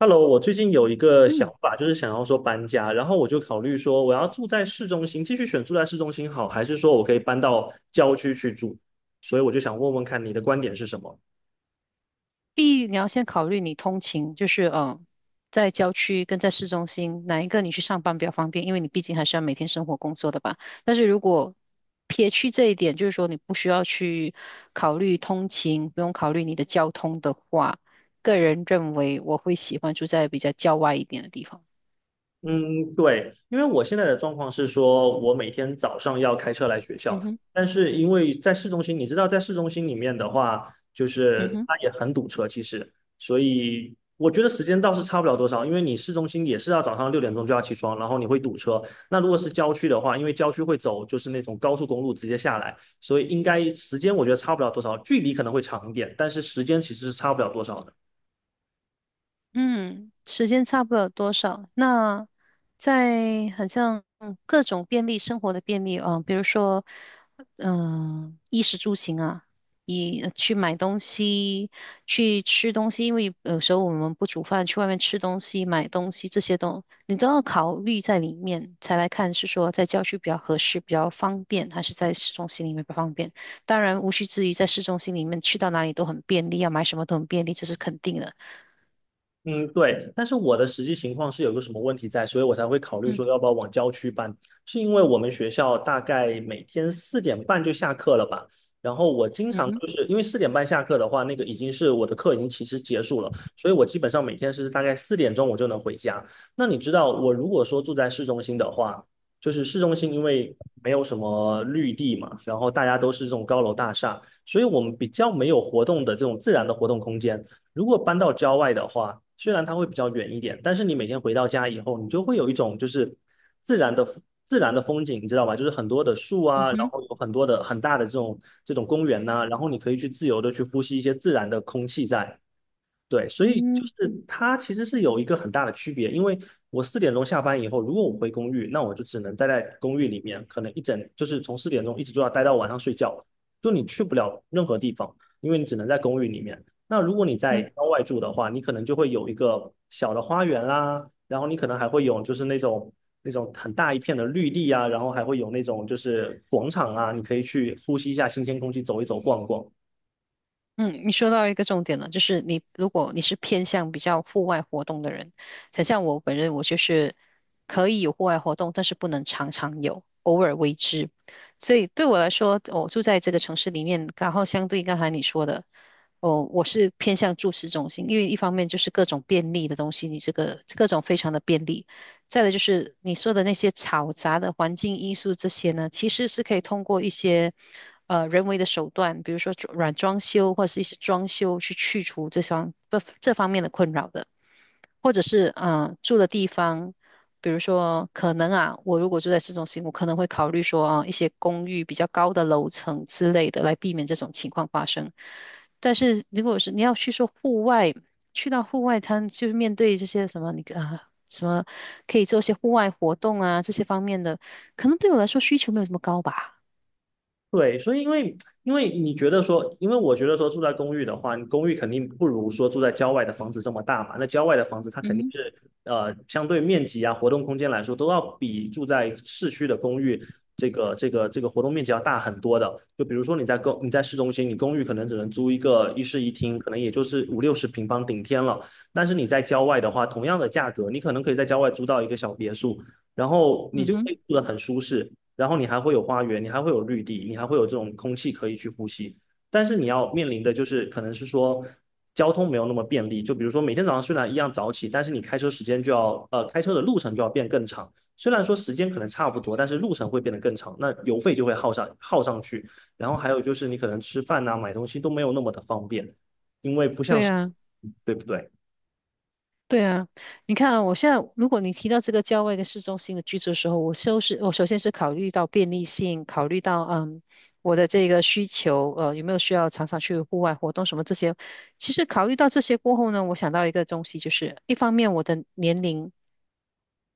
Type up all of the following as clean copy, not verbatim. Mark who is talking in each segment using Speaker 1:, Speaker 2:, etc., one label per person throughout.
Speaker 1: Hello，我最近有一个想
Speaker 2: 嗯，
Speaker 1: 法，就是想要说搬家，然后我就考虑说，我要住在市中心，继续选住在市中心好，还是说我可以搬到郊区去住？所以我就想问问看你的观点是什么。
Speaker 2: 第一你要先考虑你通勤，就是在郊区跟在市中心哪一个你去上班比较方便，因为你毕竟还是要每天生活工作的吧。但是如果撇去这一点，就是说你不需要去考虑通勤，不用考虑你的交通的话，个人认为我会喜欢住在比较郊外一点的地方。
Speaker 1: 嗯，对，因为我现在的状况是说，我每天早上要开车来学
Speaker 2: 嗯
Speaker 1: 校，
Speaker 2: 哼，
Speaker 1: 但是因为在市中心，你知道，在市中心里面的话，就
Speaker 2: 嗯
Speaker 1: 是
Speaker 2: 哼。
Speaker 1: 它也很堵车，其实，所以我觉得时间倒是差不了多少，因为你市中心也是要早上六点钟就要起床，然后你会堵车。那如果是郊区的话，因为郊区会走就是那种高速公路直接下来，所以应该时间我觉得差不了多少，距离可能会长一点，但是时间其实是差不了多少的。
Speaker 2: 嗯，时间差不了多少。那在很像各种便利生活的便利啊，比如说，衣食住行啊，去买东西、去吃东西，因为有时候我们不煮饭，去外面吃东西、买东西这些你都要考虑在里面，才来看是说在郊区比较合适、比较方便，还是在市中心里面比较方便。当然，无需质疑，在市中心里面去到哪里都很便利，要买什么都很便利，这是肯定的。
Speaker 1: 嗯，对，但是我的实际情况是有个什么问题在，所以我才会考虑说
Speaker 2: 嗯
Speaker 1: 要不要往郊区搬，是因为我们学校大概每天四点半就下课了吧，然后我经
Speaker 2: 嗯
Speaker 1: 常
Speaker 2: 哼。
Speaker 1: 就是因为四点半下课的话，那个已经是我的课已经其实结束了，所以我基本上每天是大概四点钟我就能回家。那你知道我如果说住在市中心的话，就是市中心因为没有什么绿地嘛，然后大家都是这种高楼大厦，所以我们比较没有活动的这种自然的活动空间。如果搬到郊外的话，虽然它会比较远一点，但是你每天回到家以后，你就会有一种就是自然的自然的风景，你知道吧？就是很多的树啊，
Speaker 2: 嗯
Speaker 1: 然
Speaker 2: 哼，
Speaker 1: 后有很多的很大的这种公园呐、然后你可以去自由的去呼吸一些自然的空气在，对，所以就
Speaker 2: 嗯
Speaker 1: 是它其实是有一个很大的区别，因为我四点钟下班以后，如果我回公寓，那我就只能待在公寓里面，可能一整就是从四点钟一直就要待到晚上睡觉了，就你去不了任何地方，因为你只能在公寓里面。那如果你在
Speaker 2: 嗯
Speaker 1: 郊外住的话，你可能就会有一个小的花园啦，然后你可能还会有就是那种很大一片的绿地啊，然后还会有那种就是广场啊，你可以去呼吸一下新鲜空气，走一走逛逛。
Speaker 2: 嗯，你说到一个重点了，就是你如果是偏向比较户外活动的人，很像我本人，我就是可以有户外活动，但是不能常常有，偶尔为之。所以对我来说，我住在这个城市里面，然后相对刚才你说的，哦，我是偏向住市中心，因为一方面就是各种便利的东西，你这个各种非常的便利，再来就是你说的那些嘈杂的环境因素，这些呢，其实是可以通过一些人为的手段，比如说软装修或者是一些装修去去除这方面的困扰的。或者是住的地方，比如说可能啊，我如果住在市中心，我可能会考虑说啊一些公寓比较高的楼层之类的，来避免这种情况发生。但是如果是你要去说户外，去到户外滩，就是面对这些什么你啊什么可以做一些户外活动啊这些方面的，可能对我来说需求没有这么高吧。
Speaker 1: 对，所以因为你觉得说，因为我觉得说住在公寓的话，你公寓肯定不如说住在郊外的房子这么大嘛。那郊外的房子它
Speaker 2: 嗯
Speaker 1: 肯定
Speaker 2: 哼。
Speaker 1: 是相对面积啊、活动空间来说，都要比住在市区的公寓这个活动面积要大很多的。就比如说你在公你在市中心，你公寓可能只能租一个一室一厅，可能也就是五六十平方顶天了。但是你在郊外的话，同样的价格，你可能可以在郊外租到一个小别墅。然后你
Speaker 2: 嗯
Speaker 1: 就可
Speaker 2: 哼，
Speaker 1: 以住得很舒适，然后你还会有花园，你还会有绿地，你还会有这种空气可以去呼吸。但是你要面临的就是可能是说交通没有那么便利，就比如说每天早上虽然一样早起，但是你开车时间就要开车的路程就要变更长。虽然说时间可能差不多，但是路程会变得更长，那油费就会耗上去。然后还有就是你可能吃饭呐、买东西都没有那么的方便，因为不像
Speaker 2: 对
Speaker 1: 是
Speaker 2: 啊。
Speaker 1: 对不对？
Speaker 2: 对啊，你看啊，我现在如果你提到这个郊外跟市中心的居住的时候，我首先是考虑到便利性，考虑到我的这个需求，有没有需要常常去户外活动什么这些。其实考虑到这些过后呢，我想到一个东西，就是一方面我的年龄。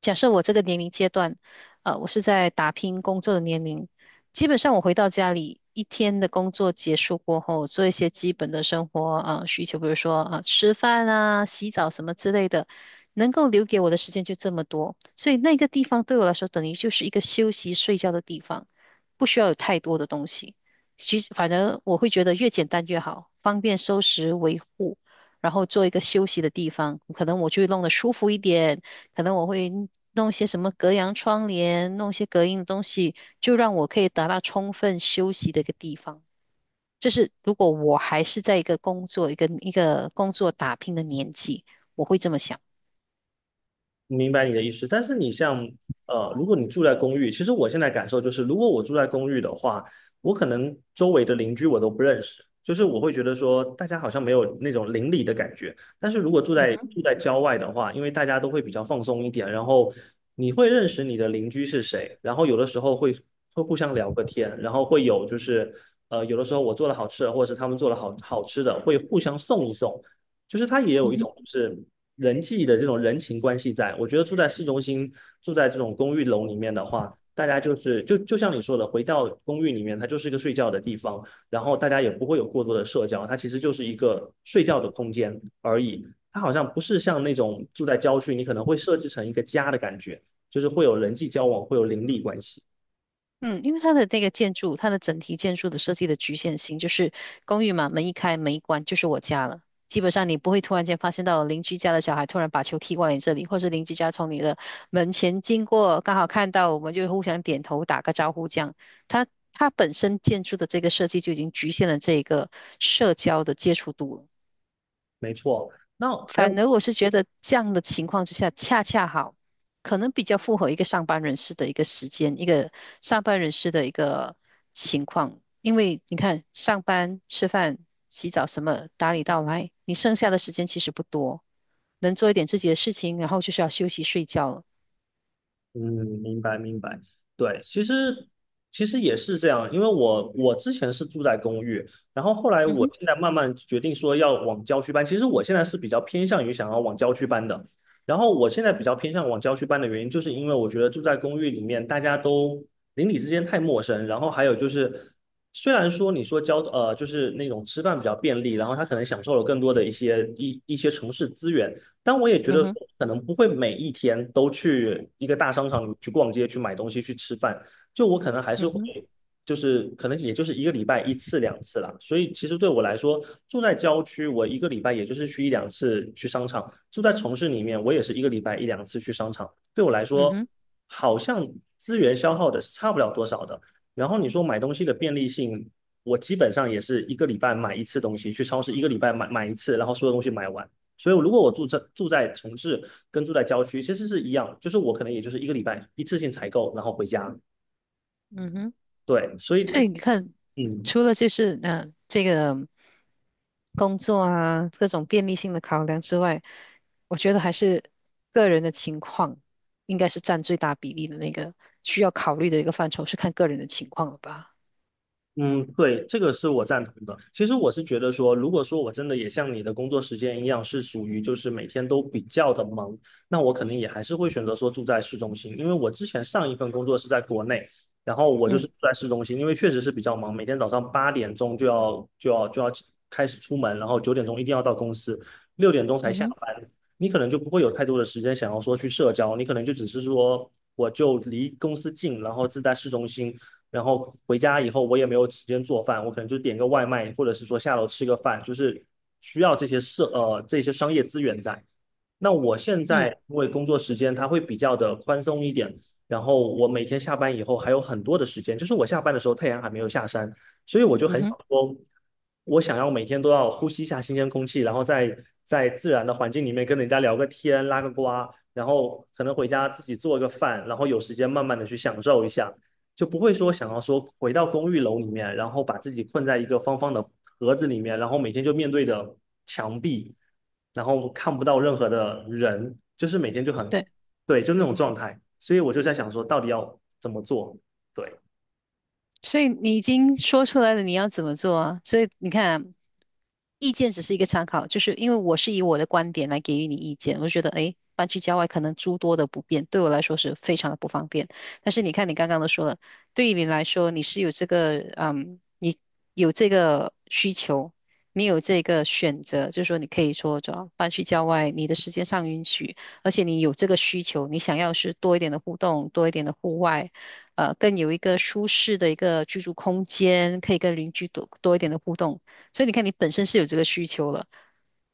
Speaker 2: 假设我这个年龄阶段，我是在打拼工作的年龄，基本上我回到家里一天的工作结束过后，做一些基本的生活啊、需求，比如说啊、吃饭啊、洗澡什么之类的，能够留给我的时间就这么多，所以那个地方对我来说等于就是一个休息睡觉的地方，不需要有太多的东西。其实，反正我会觉得越简单越好，方便收拾维护，然后做一个休息的地方，可能我就会弄得舒服一点。可能我会弄些什么隔阳窗帘，弄些隔音的东西，就让我可以达到充分休息的一个地方。就是如果我还是在一个工作、一个工作打拼的年纪，我会这么想。
Speaker 1: 明白你的意思，但是你像如果你住在公寓，其实我现在感受就是，如果我住在公寓的话，我可能周围的邻居我都不认识，就是我会觉得说大家好像没有那种邻里的感觉。但是如果住
Speaker 2: 嗯
Speaker 1: 在
Speaker 2: 哼。
Speaker 1: 住在郊外的话，因为大家都会比较放松一点，然后你会认识你的邻居是谁，然后有的时候会互相聊个天，然后会有就是有的时候我做了好吃的，或者是他们做了好好吃的，会互相送一送。就是它也有一种就是人际的这种人情关系在。我觉得住在市中心，住在这种公寓楼里面的话，大家就像你说的，回到公寓里面，它就是一个睡觉的地方，然后大家也不会有过多的社交，它其实就是一个睡觉的空间而已。它好像不是像那种住在郊区，你可能会设置成一个家的感觉，就是会有人际交往，会有邻里关系。
Speaker 2: 嗯，因为它的那个建筑，它的整体建筑的设计的局限性，就是公寓嘛，门一开门一关就是我家了。基本上你不会突然间发现到邻居家的小孩突然把球踢过来你这里，或是邻居家从你的门前经过，刚好看到我们就互相点头打个招呼这样。它它本身建筑的这个设计就已经局限了这个社交的接触度了。
Speaker 1: 没错。那还
Speaker 2: 反
Speaker 1: 有
Speaker 2: 而我是觉得这样的情况之下，恰恰好，可能比较符合一个上班人士的一个时间，一个上班人士的一个情况。因为你看，上班、吃饭、洗澡什么打理到来，你剩下的时间其实不多，能做一点自己的事情，然后就是要休息睡觉了。
Speaker 1: 嗯，明白明白，对，其实也是这样，因为我之前是住在公寓，然后后来
Speaker 2: 嗯
Speaker 1: 我
Speaker 2: 哼，
Speaker 1: 现在慢慢决定说要往郊区搬。其实我现在是比较偏向于想要往郊区搬的，然后我现在比较偏向往郊区搬的原因，就是因为我觉得住在公寓里面，大家都邻里之间太陌生，然后还有就是，虽然说你说就是那种吃饭比较便利，然后他可能享受了更多的一些一些城市资源。但我也觉
Speaker 2: 嗯
Speaker 1: 得说
Speaker 2: 哼，
Speaker 1: 可能不会每一天都去一个大商场里去逛街、去买东西、去吃饭。就我可能还是
Speaker 2: 嗯
Speaker 1: 会，
Speaker 2: 哼，
Speaker 1: 就是可能也就是一个礼拜一次两次啦。所以其实对我来说，住在郊区，我一个礼拜也就是去一两次去商场；住在城市里面，我也是一个礼拜一两次去商场。对我来
Speaker 2: 嗯
Speaker 1: 说，
Speaker 2: 哼，
Speaker 1: 好像资源消耗的是差不了多少的。然后你说买东西的便利性，我基本上也是一个礼拜买一次东西，去超市一个礼拜买一次，然后所有东西买完。所以如果我住在城市跟住在郊区其实是一样，就是我可能也就是一个礼拜一次性采购，然后回家。
Speaker 2: 嗯哼。
Speaker 1: 对，所
Speaker 2: 所
Speaker 1: 以
Speaker 2: 以你看，
Speaker 1: 嗯，
Speaker 2: 除了就是这个工作啊各种便利性的考量之外，我觉得还是个人的情况应该是占最大比例的那个需要考虑的一个范畴，是看个人的情况了吧？
Speaker 1: 嗯，对，这个是我赞同的。其实我是觉得说，如果说我真的也像你的工作时间一样，是属于就是每天都比较的忙，那我肯定也还是会选择说住在市中心，因为我之前上一份工作是在国内，然后我就是
Speaker 2: 嗯
Speaker 1: 住在市中心，因为确实是比较忙，每天早上八点钟就要开始出门，然后九点钟一定要到公司，六点钟才
Speaker 2: 嗯
Speaker 1: 下
Speaker 2: 哼，
Speaker 1: 班，你可能就不会有太多的时间想要说去社交，你可能就只是说我就离公司近，然后是在市中心。然后回家以后我也没有时间做饭，我可能就点个外卖，或者是说下楼吃个饭，就是需要这些这些商业资源在。那我现在
Speaker 2: 嗯
Speaker 1: 因为工作时间它会比较的宽松一点，然后我每天下班以后还有很多的时间，就是我下班的时候太阳还没有下山，所以我就
Speaker 2: 嗯
Speaker 1: 很
Speaker 2: 哼，
Speaker 1: 想说，我想要每天都要呼吸一下新鲜空气，然后在自然的环境里面跟人家聊个天、拉个呱，然后可能回家自己做个饭，然后有时间慢慢的去享受一下。就不会说想要说回到公寓楼里面，然后把自己困在一个方方的盒子里面，然后每天就面对着墙壁，然后看不到任何的人，就是每天就很，
Speaker 2: 对。
Speaker 1: 对，就那种状态。所以我就在想说，到底要怎么做？对，
Speaker 2: 所以你已经说出来了，你要怎么做啊？所以你看啊，意见只是一个参考，就是因为我是以我的观点来给予你意见，我就觉得，诶，搬去郊外可能诸多的不便，对我来说是非常的不方便。但是你看，你刚刚都说了，对于你来说，你是有这个，嗯，你有这个需求，你有这个选择，就是说你可以说，主要搬去郊外，你的时间上允许，而且你有这个需求，你想要是多一点的互动，多一点的户外。更有一个舒适的一个居住空间，可以跟邻居多一点的互动。所以你看，你本身是有这个需求了，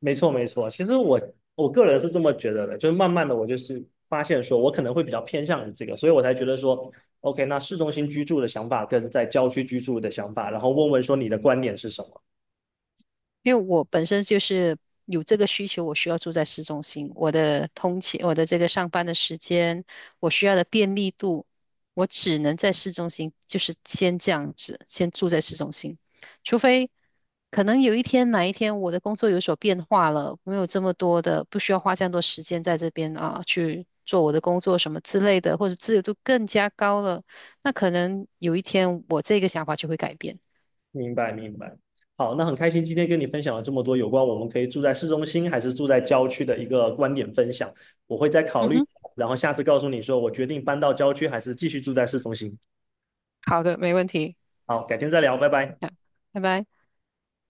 Speaker 1: 没错没错。其实我个人是这么觉得的，就是慢慢的我就是发现说我可能会比较偏向于这个，所以我才觉得说。OK，那市中心居住的想法跟在郊区居住的想法，然后问问说你的观点是什么？
Speaker 2: 因为我本身就是有这个需求，我需要住在市中心，我的通勤，我的这个上班的时间，我需要的便利度，我只能在市中心，就是先这样子，先住在市中心，除非可能有哪一天我的工作有所变化了，没有这么多的，不需要花这样多时间在这边啊，去做我的工作什么之类的，或者自由度更加高了，那可能有一天我这个想法就会改变。
Speaker 1: 明白明白。好，那很开心今天跟你分享了这么多有关我们可以住在市中心还是住在郊区的一个观点分享，我会再考
Speaker 2: 嗯
Speaker 1: 虑，
Speaker 2: 哼，
Speaker 1: 然后下次告诉你说我决定搬到郊区还是继续住在市中心。
Speaker 2: 好的，没问题，
Speaker 1: 好，改天再聊，拜拜。
Speaker 2: 好拜拜。